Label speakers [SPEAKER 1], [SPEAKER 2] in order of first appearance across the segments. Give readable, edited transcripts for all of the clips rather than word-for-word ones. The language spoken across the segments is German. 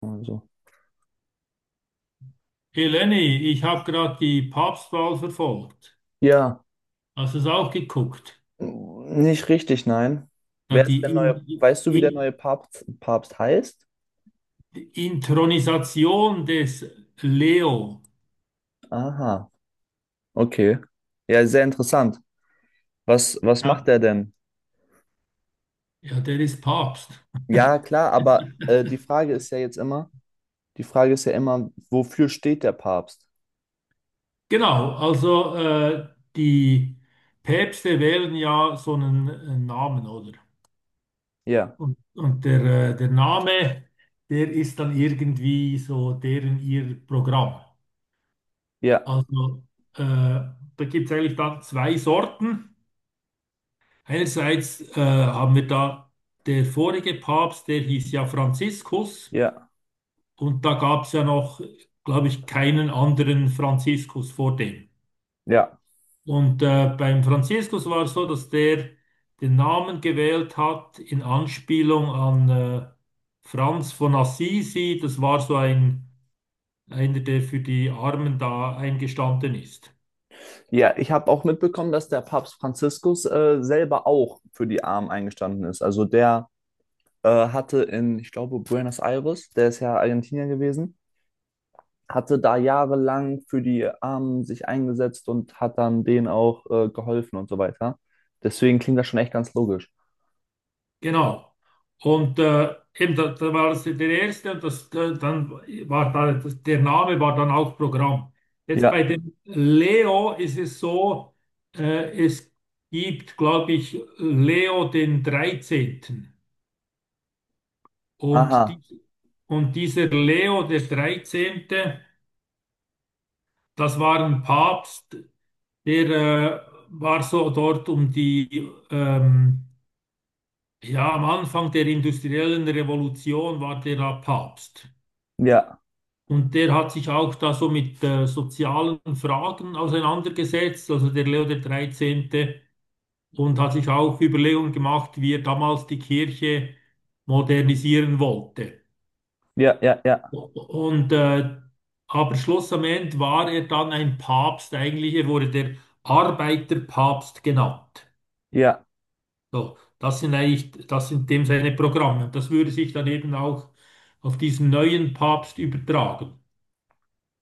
[SPEAKER 1] Also.
[SPEAKER 2] Hey Lenny, ich habe gerade die Papstwahl verfolgt.
[SPEAKER 1] Ja,
[SPEAKER 2] Hast du es auch geguckt?
[SPEAKER 1] nicht richtig, nein.
[SPEAKER 2] Da
[SPEAKER 1] Wer ist der
[SPEAKER 2] die
[SPEAKER 1] neue, weißt du, wie der
[SPEAKER 2] In
[SPEAKER 1] neue Papst heißt?
[SPEAKER 2] Inthronisation des Leo.
[SPEAKER 1] Aha, okay. Ja, sehr interessant. Was macht
[SPEAKER 2] Ja.
[SPEAKER 1] er denn?
[SPEAKER 2] Ja, der ist Papst.
[SPEAKER 1] Ja, klar, aber die Frage ist ja jetzt immer, die Frage ist ja immer, wofür steht der Papst?
[SPEAKER 2] Genau, also die Päpste wählen ja so einen Namen, oder?
[SPEAKER 1] Ja,
[SPEAKER 2] Und der Name, der ist dann irgendwie so deren ihr Programm.
[SPEAKER 1] ja,
[SPEAKER 2] Also da gibt es eigentlich dann zwei Sorten. Einerseits haben wir da der vorige Papst, der hieß ja Franziskus,
[SPEAKER 1] ja,
[SPEAKER 2] und da gab es ja noch, glaube ich, keinen anderen Franziskus vor dem.
[SPEAKER 1] ja.
[SPEAKER 2] Und beim Franziskus war es so, dass der den Namen gewählt hat in Anspielung an Franz von Assisi. Das war so einer, der für die Armen da eingestanden ist.
[SPEAKER 1] Ja, ich habe auch mitbekommen, dass der Papst Franziskus selber auch für die Armen eingestanden ist. Also der hatte in, ich glaube, Buenos Aires, der ist ja Argentinier gewesen, hatte da jahrelang für die Armen sich eingesetzt und hat dann denen auch geholfen und so weiter. Deswegen klingt das schon echt ganz logisch.
[SPEAKER 2] Genau. Und eben, da war das der erste, und das, dann war da, das, der Name war dann auch Programm. Jetzt bei
[SPEAKER 1] Ja,
[SPEAKER 2] dem Leo ist es so, es gibt, glaube ich, Leo den 13. Und,
[SPEAKER 1] aha,
[SPEAKER 2] die, und dieser Leo der 13., das war ein Papst, der war so dort um die, ja, am Anfang der industriellen Revolution war der da Papst.
[SPEAKER 1] ja,
[SPEAKER 2] Und der hat sich auch da so mit sozialen Fragen auseinandergesetzt, also der Leo der 13., und hat sich auch Überlegungen gemacht, wie er damals die Kirche modernisieren wollte.
[SPEAKER 1] ja, ja, ja,
[SPEAKER 2] Und aber Schluss am Ende war er dann ein Papst, eigentlich, er wurde der Arbeiterpapst genannt.
[SPEAKER 1] ja,
[SPEAKER 2] So, das sind eigentlich, das sind dem seine Programme. Und das würde sich dann eben auch auf diesen neuen Papst übertragen.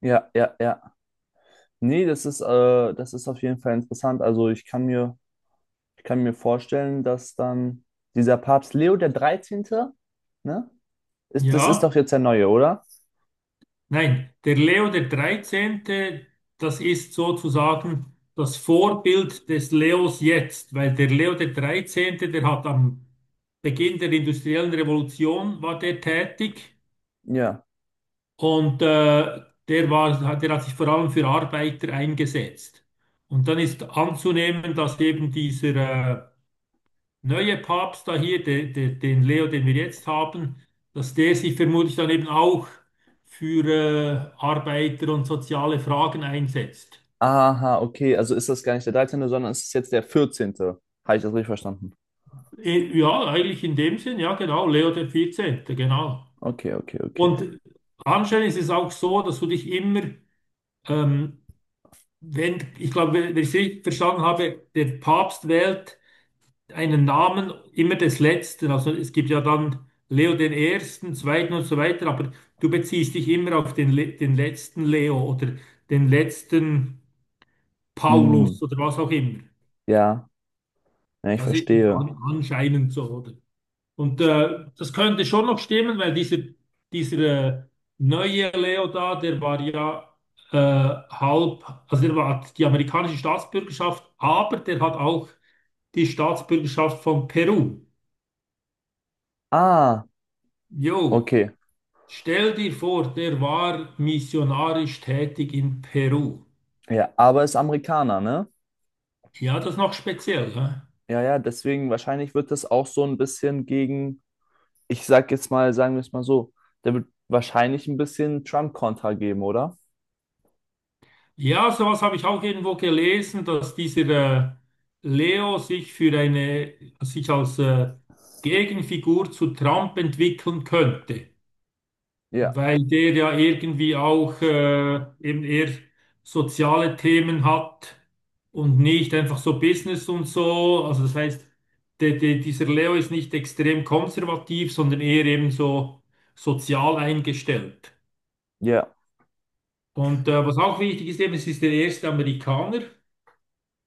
[SPEAKER 1] ja, ja, ja. Nee, das ist auf jeden Fall interessant. Ich kann mir vorstellen, dass dann dieser Papst Leo der Dreizehnte, ne? Ist, das ist
[SPEAKER 2] Ja.
[SPEAKER 1] doch jetzt der neue, oder?
[SPEAKER 2] Nein, der Leo der 13., das ist sozusagen das Vorbild des Leos jetzt, weil der Leo der 13., der hat am Beginn der industriellen Revolution war der tätig,
[SPEAKER 1] Ja.
[SPEAKER 2] und der hat sich vor allem für Arbeiter eingesetzt. Und dann ist anzunehmen, dass eben dieser neue Papst da hier, den Leo, den wir jetzt haben, dass der sich vermutlich dann eben auch für Arbeiter und soziale Fragen einsetzt.
[SPEAKER 1] Aha, okay. Also ist das gar nicht der Dreizehnte, sondern es ist jetzt der Vierzehnte? Habe ich das richtig verstanden?
[SPEAKER 2] Ja, eigentlich in dem Sinn, ja genau, Leo der 14., genau.
[SPEAKER 1] Okay, okay, okay.
[SPEAKER 2] Und anscheinend ist es auch so, dass du dich immer, ähm, wenn, ich glaube, wenn ich es richtig verstanden habe, der Papst wählt einen Namen immer des Letzten. Also es gibt ja dann Leo den Ersten, Zweiten und so weiter, aber du beziehst dich immer auf den letzten Leo oder den letzten
[SPEAKER 1] Mm,
[SPEAKER 2] Paulus oder was auch immer.
[SPEAKER 1] ja, ja, ich
[SPEAKER 2] Das ist
[SPEAKER 1] verstehe.
[SPEAKER 2] anscheinend so, oder? Und das könnte schon noch stimmen, weil dieser äh, neue Leo da, der war ja äh, halb, also hat die amerikanische Staatsbürgerschaft, aber der hat auch die Staatsbürgerschaft von Peru.
[SPEAKER 1] Ah,
[SPEAKER 2] Jo.
[SPEAKER 1] okay.
[SPEAKER 2] Stell dir vor, der war missionarisch tätig in Peru.
[SPEAKER 1] Ja, aber ist Amerikaner, ne?
[SPEAKER 2] Ja, das ist noch speziell. Ne?
[SPEAKER 1] Ja, ja, deswegen wahrscheinlich wird das auch so ein bisschen gegen, ich sag jetzt mal, sagen wir es mal so, der wird wahrscheinlich ein bisschen Trump-Kontra geben, oder?
[SPEAKER 2] Ja, sowas habe ich auch irgendwo gelesen, dass dieser Leo sich als Gegenfigur zu Trump entwickeln könnte.
[SPEAKER 1] Ja,
[SPEAKER 2] Weil der ja irgendwie auch eben eher soziale Themen hat und nicht einfach so Business und so. Also das heißt, dieser Leo ist nicht extrem konservativ, sondern eher eben so sozial eingestellt.
[SPEAKER 1] ja.
[SPEAKER 2] Und was auch wichtig ist eben, es ist der erste Amerikaner.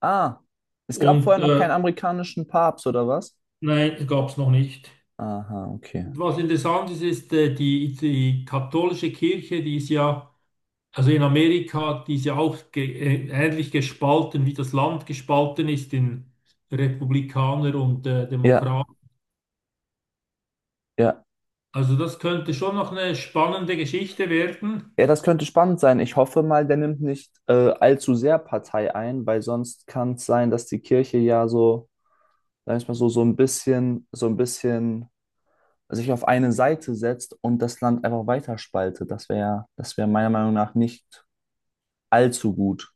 [SPEAKER 1] Ah, es gab
[SPEAKER 2] Und
[SPEAKER 1] vorher noch keinen amerikanischen Papst, oder was?
[SPEAKER 2] nein, gab es noch nicht.
[SPEAKER 1] Aha, okay.
[SPEAKER 2] Was interessant ist, ist die katholische Kirche, die ist ja also in Amerika, die ist ja auch ge ähnlich gespalten, wie das Land gespalten ist in Republikaner und
[SPEAKER 1] Ja,
[SPEAKER 2] Demokraten.
[SPEAKER 1] ja.
[SPEAKER 2] Also das könnte schon noch eine spannende Geschichte werden.
[SPEAKER 1] Ja, das könnte spannend sein. Ich hoffe mal, der nimmt nicht allzu sehr Partei ein, weil sonst kann es sein, dass die Kirche ja so, sag ich mal so, so ein bisschen sich auf eine Seite setzt und das Land einfach weiterspaltet. Das wäre meiner Meinung nach nicht allzu gut.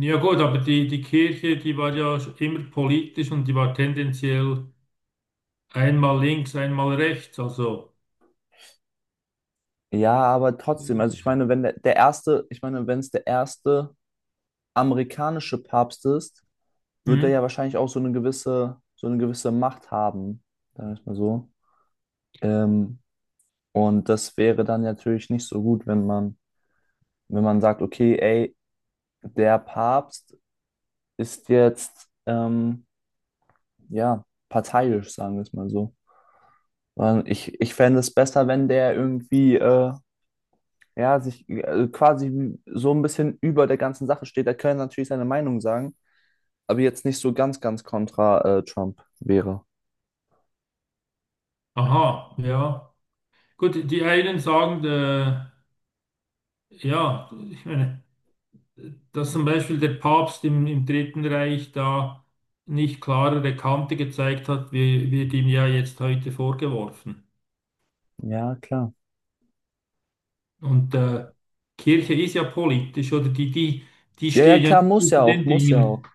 [SPEAKER 2] Ja gut, aber die Kirche, die war ja immer politisch, und die war tendenziell einmal links, einmal rechts. Also,
[SPEAKER 1] Ja, aber trotzdem, also ich meine, wenn der, der erste, ich meine, wenn es der erste amerikanische Papst ist, wird er ja
[SPEAKER 2] hm,
[SPEAKER 1] wahrscheinlich auch so eine gewisse Macht haben, sagen wir es mal so. Ähm, und das wäre dann natürlich nicht so gut, wenn man sagt, okay, ey, der Papst ist jetzt, ja, parteiisch, sagen wir es mal so. Sondern ich fände es besser, wenn der ja, sich quasi so ein bisschen über der ganzen Sache steht. Er könnte natürlich seine Meinung sagen, aber jetzt nicht so ganz kontra, Trump wäre.
[SPEAKER 2] aha, ja. Gut, die einen sagen, ja, ich meine, dass zum Beispiel der Papst im Dritten Reich da nicht klarere Kante gezeigt hat, wie wird ihm ja jetzt heute vorgeworfen.
[SPEAKER 1] Ja, klar.
[SPEAKER 2] Und Kirche ist ja politisch, oder die
[SPEAKER 1] Ja, ja,
[SPEAKER 2] stehen ja
[SPEAKER 1] klar,
[SPEAKER 2] nicht über den Dingen.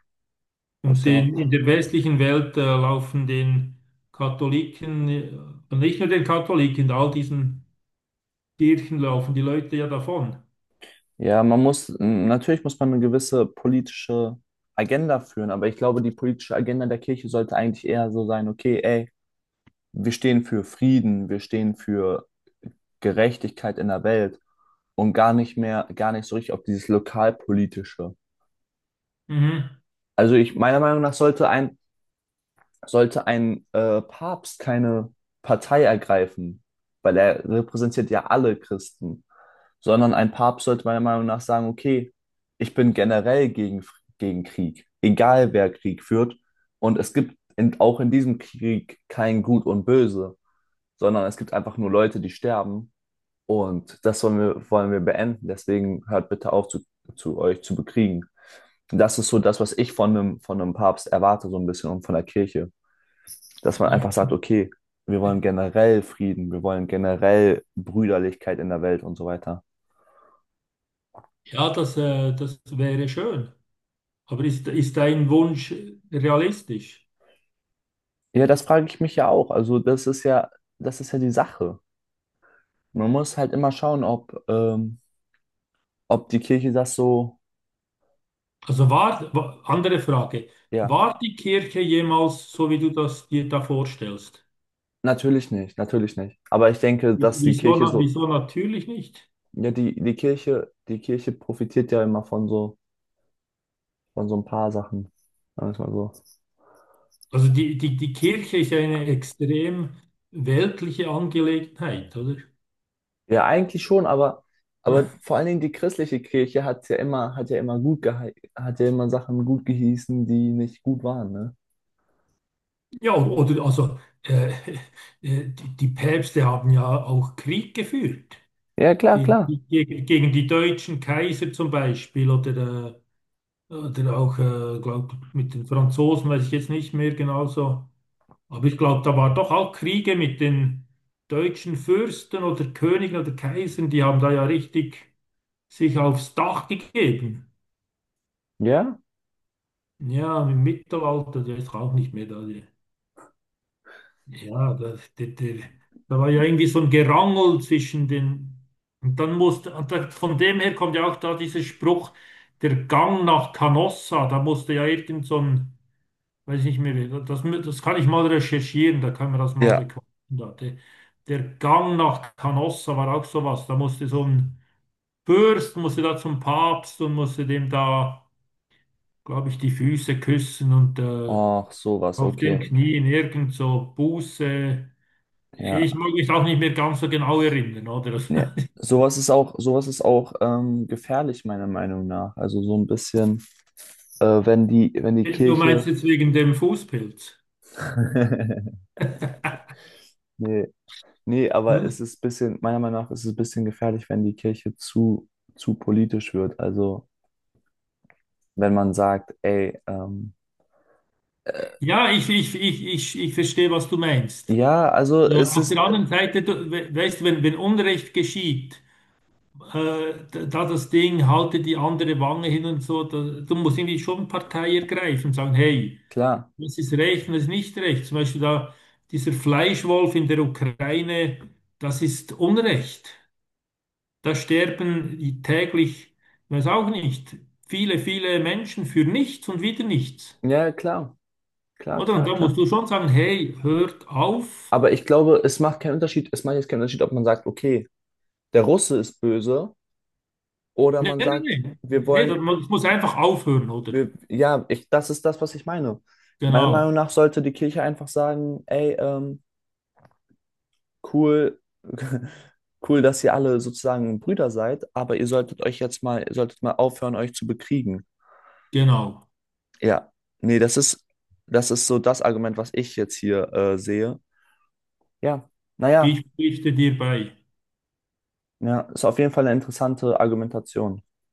[SPEAKER 1] muss
[SPEAKER 2] Und
[SPEAKER 1] ja auch.
[SPEAKER 2] in der westlichen Welt laufen den Katholiken, und nicht nur den Katholiken, all diesen Kirchen laufen die Leute ja davon.
[SPEAKER 1] Ja, man muss, natürlich muss man eine gewisse politische Agenda führen, aber ich glaube, die politische Agenda der Kirche sollte eigentlich eher so sein, okay, ey, wir stehen für Frieden, wir stehen für Gerechtigkeit in der Welt und gar nicht mehr, gar nicht so richtig auf dieses Lokalpolitische.
[SPEAKER 2] Mhm.
[SPEAKER 1] Also ich, meiner Meinung nach sollte ein Papst keine Partei ergreifen, weil er repräsentiert ja alle Christen, sondern ein Papst sollte meiner Meinung nach sagen, okay, ich bin generell gegen, gegen Krieg, egal wer Krieg führt. Und es gibt in, auch in diesem Krieg kein Gut und Böse, sondern es gibt einfach nur Leute, die sterben. Und das wollen wir beenden. Deswegen hört bitte auf, zu euch zu bekriegen. Und das ist so das, was ich von einem Papst erwarte, so ein bisschen und von der Kirche. Dass man
[SPEAKER 2] Ja,
[SPEAKER 1] einfach sagt, okay, wir wollen generell Frieden, wir wollen generell Brüderlichkeit in der Welt und so weiter.
[SPEAKER 2] ja, das wäre schön. Aber ist dein Wunsch realistisch?
[SPEAKER 1] Ja, das frage ich mich ja auch. Also das ist ja die Sache. Man muss halt immer schauen, ob die Kirche das so.
[SPEAKER 2] Also andere Frage.
[SPEAKER 1] Ja,
[SPEAKER 2] War die Kirche jemals so, wie du das dir da vorstellst?
[SPEAKER 1] natürlich nicht, natürlich nicht. Aber ich denke, dass die
[SPEAKER 2] Wieso,
[SPEAKER 1] Kirche so,
[SPEAKER 2] wieso natürlich nicht?
[SPEAKER 1] ja, die Kirche profitiert ja immer von so ein paar Sachen. Sagen wir es mal so.
[SPEAKER 2] Also die Kirche ist ja eine extrem weltliche Angelegenheit, oder?
[SPEAKER 1] Ja, eigentlich schon, aber vor allen Dingen die christliche Kirche hat ja immer, hat ja immer Sachen gut geheißen, die nicht gut waren, ne?
[SPEAKER 2] Ja, oder also die Päpste haben ja auch Krieg geführt
[SPEAKER 1] Ja, klar,
[SPEAKER 2] gegen,
[SPEAKER 1] klar.
[SPEAKER 2] gegen die deutschen Kaiser zum Beispiel, oder oder auch glaub, mit den Franzosen, weiß ich jetzt nicht mehr genauso. Aber ich glaube, da waren doch auch Kriege mit den deutschen Fürsten oder Königen oder Kaisern, die haben da ja richtig sich aufs Dach gegeben.
[SPEAKER 1] Ja?
[SPEAKER 2] Ja, im Mittelalter, der ist auch nicht mehr da. Ja, da war ja irgendwie so ein Gerangel zwischen den. Und dann und da, von dem her kommt ja auch da dieser Spruch, der Gang nach Canossa. Da musste ja irgend so ein. Weiß ich nicht mehr, das kann ich mal recherchieren, da kann man das mal
[SPEAKER 1] Ja.
[SPEAKER 2] bekommen. Der Gang nach Canossa war auch sowas. Da musste so ein Fürst, musste da zum Papst und musste dem da, glaube ich, die Füße küssen und
[SPEAKER 1] Ach, sowas,
[SPEAKER 2] auf den
[SPEAKER 1] okay.
[SPEAKER 2] Knien irgend so Buße. Ich
[SPEAKER 1] Ja.
[SPEAKER 2] mag mich auch nicht mehr ganz so genau erinnern, oder?
[SPEAKER 1] Ja. Sowas ist auch gefährlich, meiner Meinung nach. Also so ein bisschen, wenn wenn die
[SPEAKER 2] Du meinst
[SPEAKER 1] Kirche.
[SPEAKER 2] jetzt wegen dem Fußpilz,
[SPEAKER 1] Nee, nee, aber
[SPEAKER 2] ne?
[SPEAKER 1] es ist ein bisschen, meiner Meinung nach ist es ein bisschen gefährlich, wenn die Kirche zu politisch wird. Also wenn man sagt, ey, äh,
[SPEAKER 2] Ja, ich verstehe, was du meinst.
[SPEAKER 1] ja, also
[SPEAKER 2] Ja,
[SPEAKER 1] es
[SPEAKER 2] auf
[SPEAKER 1] ist
[SPEAKER 2] der anderen Seite, du, weißt du, wenn, Unrecht geschieht, da das Ding, halte die andere Wange hin und so, da, du musst irgendwie schon Partei ergreifen und sagen, hey,
[SPEAKER 1] klar.
[SPEAKER 2] was ist recht und was ist nicht recht. Zum Beispiel da dieser Fleischwolf in der Ukraine, das ist Unrecht. Da sterben die täglich, ich weiß auch nicht, viele, viele Menschen für nichts und wieder nichts.
[SPEAKER 1] Ja, klar, klar,
[SPEAKER 2] Oder? Und
[SPEAKER 1] klar,
[SPEAKER 2] da, ja, musst
[SPEAKER 1] klar.
[SPEAKER 2] du schon sagen, hey, hört auf.
[SPEAKER 1] Aber ich glaube, es macht keinen Unterschied. Es macht jetzt keinen Unterschied, ob man sagt, okay, der Russe ist böse oder
[SPEAKER 2] Nee,
[SPEAKER 1] man
[SPEAKER 2] nee,
[SPEAKER 1] sagt,
[SPEAKER 2] nee.
[SPEAKER 1] wir
[SPEAKER 2] Nee, das
[SPEAKER 1] wollen.
[SPEAKER 2] muss das muss einfach aufhören, oder?
[SPEAKER 1] Das ist das, was ich meine. Meiner Meinung
[SPEAKER 2] Genau,
[SPEAKER 1] nach sollte die Kirche einfach sagen, ey, cool, cool, dass ihr alle sozusagen Brüder seid, aber ihr solltet euch jetzt mal, ihr solltet mal aufhören, euch zu bekriegen.
[SPEAKER 2] genau.
[SPEAKER 1] Ja, nee, das ist so das Argument, was ich jetzt hier sehe. Ja, naja,
[SPEAKER 2] Ich pflichte dir bei.
[SPEAKER 1] ja, ist auf jeden Fall eine interessante Argumentation.